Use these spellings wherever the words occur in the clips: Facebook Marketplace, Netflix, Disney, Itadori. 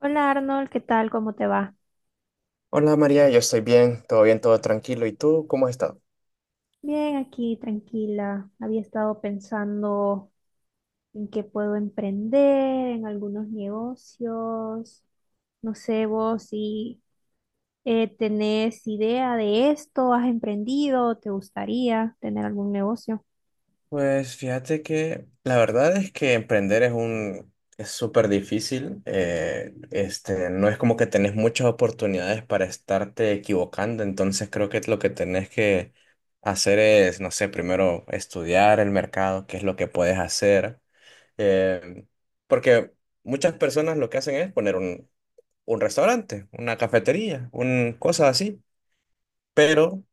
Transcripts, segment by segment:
Hola Arnold, ¿qué tal? ¿Cómo te va? Hola María, yo estoy bien, todo tranquilo. ¿Y tú cómo has estado? Bien, aquí tranquila. Había estado pensando en qué puedo emprender, en algunos negocios. No sé vos si tenés idea de esto, has emprendido, te gustaría tener algún negocio. Pues fíjate que la verdad es que emprender es súper difícil. Este, no es como que tenés muchas oportunidades para estarte equivocando. Entonces creo que lo que tenés que hacer es, no sé, primero estudiar el mercado, qué es lo que puedes hacer. eh, Porque muchas personas lo que hacen es poner un restaurante, una cafetería, un cosa así. Pero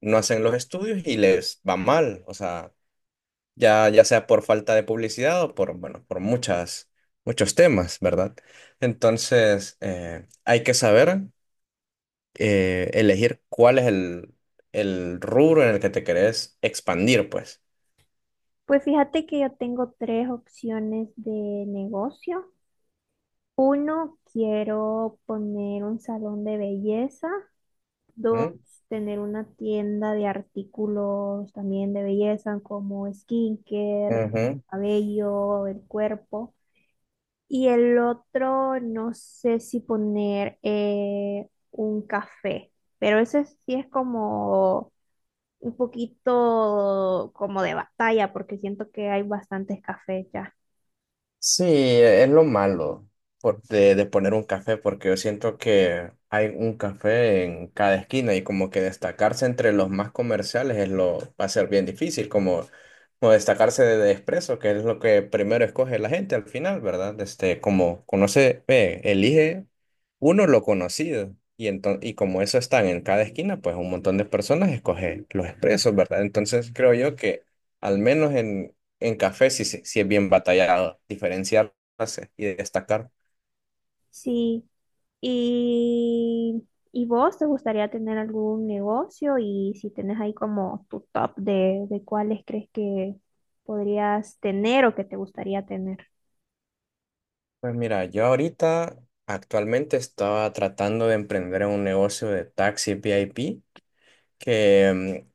no hacen los estudios y les va mal, o sea, ya sea por falta de publicidad o por, bueno, por muchos temas, ¿verdad? Entonces, hay que saber elegir cuál es el rubro en el que te querés expandir, pues. Pues fíjate que yo tengo tres opciones de negocio. Uno, quiero poner un salón de belleza. Dos, ¿Mm? tener una tienda de artículos también de belleza como skincare, Ujú. cabello, el cuerpo. Y el otro, no sé si poner un café, pero ese sí es como un poquito como de batalla porque siento que hay bastantes cafés ya. Sí, es lo malo de poner un café, porque yo siento que hay un café en cada esquina y como que destacarse entre los más comerciales es lo, va a ser bien difícil, como destacarse de Espresso, que es lo que primero escoge la gente al final, ¿verdad? Este, como conoce, ve, elige uno lo conocido y como eso están en cada esquina, pues un montón de personas escoge los Expresos, ¿verdad? Entonces creo yo que al menos en café sí, sí, sí es bien batallado diferenciarse y destacar. Sí. ¿Y, y vos te gustaría tener algún negocio? Y si tenés ahí como tu top de cuáles crees que podrías tener o que te gustaría tener. Pues mira, yo ahorita actualmente estaba tratando de emprender un negocio de taxi VIP que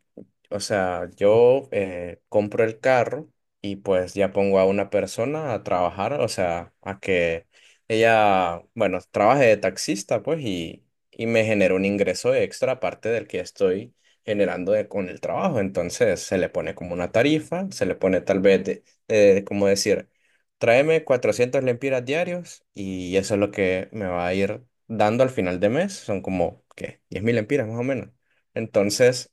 o sea, yo compro el carro y pues ya pongo a una persona a trabajar, o sea, a que ella, bueno, trabaje de taxista, pues, y me genera un ingreso extra aparte del que estoy con el trabajo. Entonces, se le pone como una tarifa, se le pone tal vez, de, como decir, tráeme 400 lempiras diarios y eso es lo que me va a ir dando al final de mes. Son como, ¿qué? 10,000 lempiras más o menos. Entonces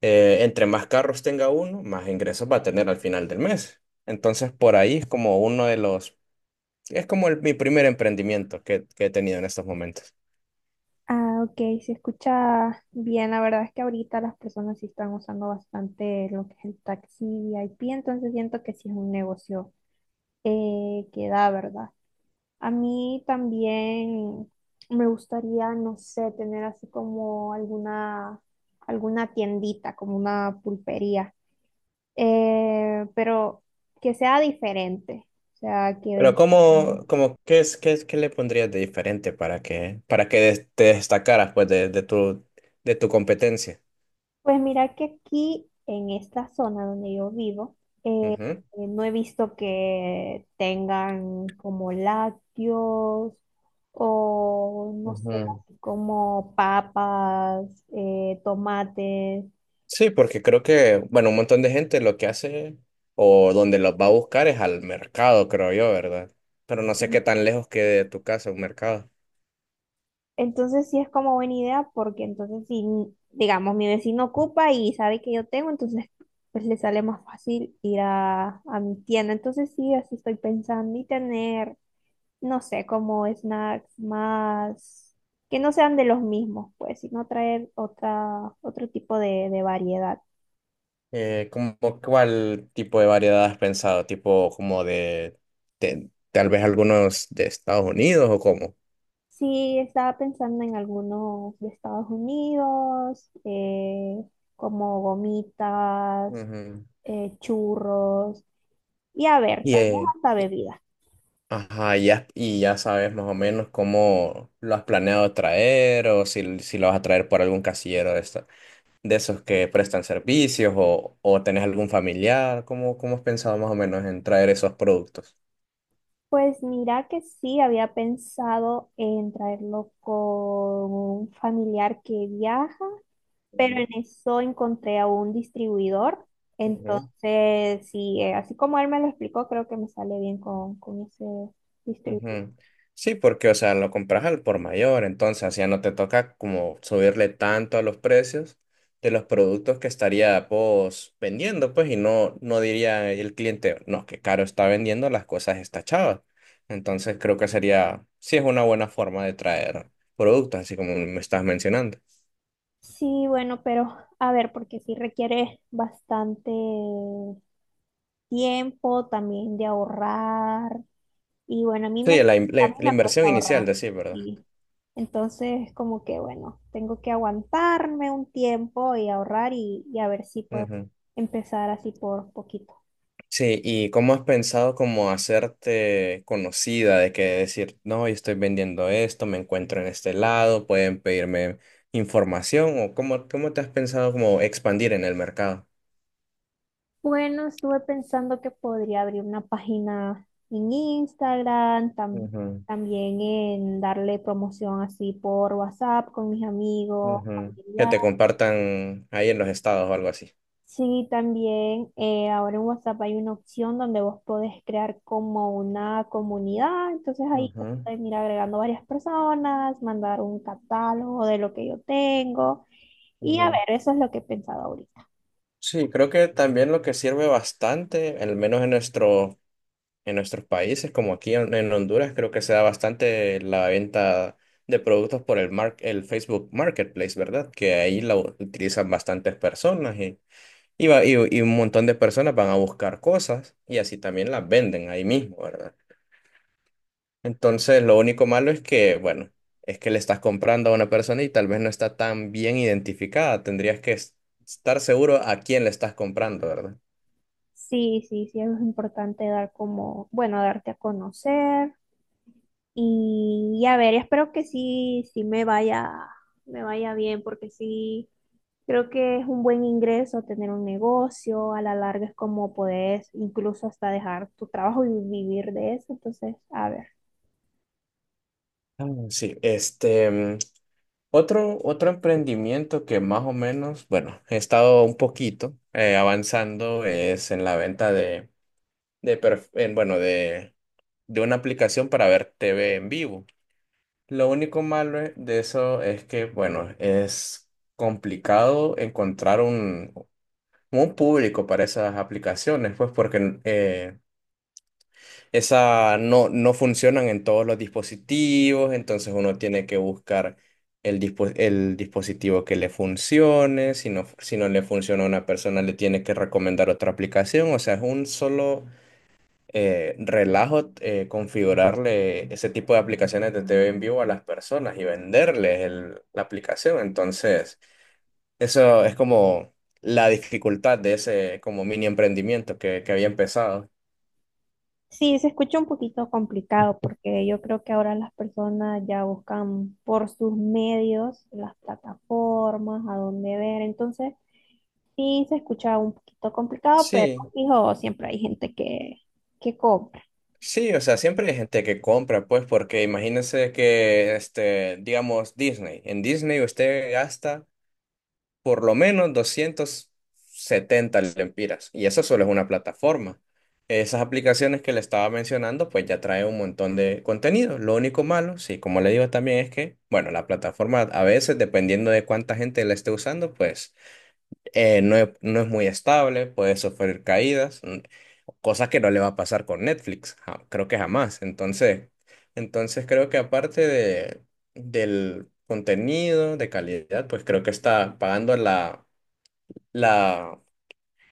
entre más carros tenga uno, más ingresos va a tener al final del mes. Entonces, por ahí es como uno de los, es como mi primer emprendimiento que he tenido en estos momentos. Ah, ok, se escucha bien. La verdad es que ahorita las personas sí están usando bastante lo que es el taxi VIP, entonces siento que sí es un negocio que da, ¿verdad? A mí también me gustaría, no sé, tener así como alguna, alguna tiendita, como una pulpería, pero que sea diferente, o sea, que Pero venga. ¿ qué es, qué le pondrías de diferente para que, te destacaras pues de tu competencia? Pues mira que aquí en esta zona donde yo vivo, eh, Ujú. No he visto que tengan como lácteos o no sé, Ujú. así como papas, tomates. Sí, porque creo que, bueno, un montón de gente lo que hace o donde los va a buscar es al mercado, creo yo, ¿verdad? Pero no sé qué tan lejos quede de tu casa un mercado. Entonces sí es como buena idea porque entonces si, digamos, mi vecino ocupa y sabe que yo tengo, entonces pues le sale más fácil ir a mi tienda. Entonces sí, así estoy pensando y tener no sé, como snacks más, que no sean de los mismos, pues, sino traer otra, otro tipo de variedad. ¿Cómo cuál tipo de variedad has pensado? ¿Tipo como tal vez algunos de Estados Unidos o cómo? Sí, estaba pensando en algunos de Estados Unidos, como gomitas, Ujú. Churros, y a ver, Y, tal vez eh, hasta bebidas. ajá, y ya sabes más o menos cómo lo has planeado traer o si lo vas a traer por algún casillero de esos que prestan servicios o tenés algún familiar. ¿Cómo has pensado más o menos en traer esos productos? Pues mira que sí, había pensado en traerlo con un familiar que viaja pero Ujú, en eso encontré a un distribuidor. ujú. Entonces, sí, así como él me lo explicó, creo que me sale bien con ese distribuidor. Ujú. Sí, porque, o sea, lo compras al por mayor, entonces ya no te toca como subirle tanto a los precios de los productos que estaría pues vendiendo, pues, y no, no diría el cliente, no, que caro está vendiendo las cosas esta chava. Entonces creo que sería, sí es una buena forma de traer productos, así como me estás mencionando. Sí, bueno, pero a ver, porque sí requiere bastante tiempo también de ahorrar. Y bueno, Sí, a mí la me inversión cuesta inicial, ahorrar. de sí ¿verdad? Y entonces, como que bueno, tengo que aguantarme un tiempo y ahorrar y a ver si puedo empezar así por poquito. Sí, ¿y cómo has pensado como hacerte conocida de que decir, no, yo estoy vendiendo esto, me encuentro en este lado, pueden pedirme información o cómo te has pensado como expandir en el mercado? Bueno, estuve pensando que podría abrir una página en Instagram, Ujú, también en darle promoción así por WhatsApp con mis amigos, ujú. Que familiares. te compartan ahí en los estados o algo así. Sí, también ahora en WhatsApp hay una opción donde vos podés crear como una comunidad, entonces ahí te pueden ir agregando varias personas, mandar un catálogo de lo que yo tengo y Ujú, a ujú. ver, eso es lo que he pensado ahorita. Sí, creo que también lo que sirve bastante, al menos en nuestros países, como aquí en Honduras, creo que se da bastante la venta de productos por el Facebook Marketplace, ¿verdad? Que ahí utilizan bastantes personas y un montón de personas van a buscar cosas y así también las venden ahí mismo, ¿verdad? Entonces, lo único malo es que, bueno, es que le estás comprando a una persona y tal vez no está tan bien identificada. Tendrías que estar seguro a quién le estás comprando, ¿verdad? Sí, sí, sí, es importante dar como, bueno, darte a conocer y a ver, espero que sí, sí me vaya bien, porque sí, creo que es un buen ingreso tener un negocio, a la larga es como puedes incluso hasta dejar tu trabajo y vivir de eso, entonces, a ver. Ah, sí, este. Otro emprendimiento que más o menos, bueno, he estado un poquito avanzando es en la venta de perf- en, bueno, de una aplicación para ver TV en vivo. Lo único malo de eso es que, bueno, es complicado encontrar un público para esas aplicaciones, pues porque esa no, no funcionan en todos los dispositivos, entonces uno tiene que buscar el dispositivo que le funcione. Si no, si no le funciona a una persona, le tiene que recomendar otra aplicación. O sea, es un solo relajo configurarle ese tipo de aplicaciones de TV en vivo a las personas y venderles la aplicación. Entonces, eso es como la dificultad de ese como mini emprendimiento que había empezado. Sí, se escucha un poquito complicado porque yo creo que ahora las personas ya buscan por sus medios las plataformas, a dónde ver. Entonces, sí se escucha un poquito complicado, pero Sí, hijo, siempre hay gente que cobra. Sí, o sea, siempre hay gente que compra, pues, porque imagínense que, este, digamos, Disney. En Disney usted gasta por lo menos 270 lempiras. Y eso solo es una plataforma. Esas aplicaciones que le estaba mencionando, pues ya trae un montón de contenido. Lo único malo, sí, como le digo también, es que, bueno, la plataforma a veces, dependiendo de cuánta gente la esté usando, pues no es muy estable, puede sufrir caídas, cosa que no le va a pasar con Netflix, creo que jamás. Entonces, creo que aparte del contenido de calidad, pues creo que está pagando la,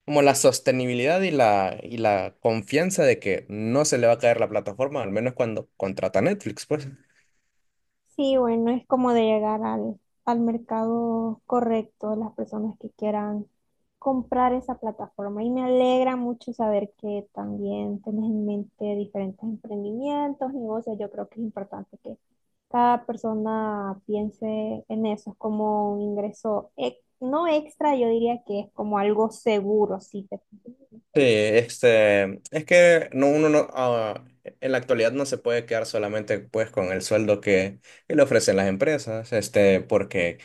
como la sostenibilidad y y la confianza de que no se le va a caer la plataforma, al menos cuando contrata Netflix, pues. Sí, bueno, es como de llegar al mercado correcto, las personas que quieran comprar esa plataforma. Y me alegra mucho saber que también tenés en mente diferentes emprendimientos, negocios. Yo creo que es importante que cada persona piense en eso. Es como un ingreso, no extra, yo diría que es como algo seguro, sí. te- Sí, este, es que no, uno no, en la actualidad no se puede quedar solamente pues con el sueldo que le ofrecen las empresas, este, porque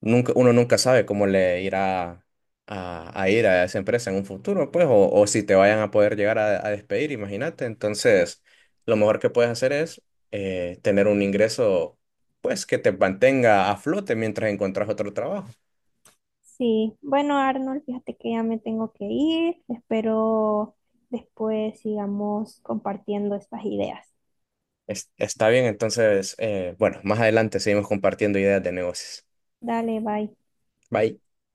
nunca, uno nunca sabe cómo le irá a ir a esa empresa en un futuro, pues, o si te vayan a poder llegar a despedir, imagínate. Entonces, lo mejor que puedes hacer es tener un ingreso, pues, que te mantenga a flote mientras encuentras otro trabajo. Sí, bueno, Arnold, fíjate que ya me tengo que ir. Espero después sigamos compartiendo estas ideas. Está bien, entonces, bueno, más adelante seguimos compartiendo ideas de negocios. Dale, bye. Bye.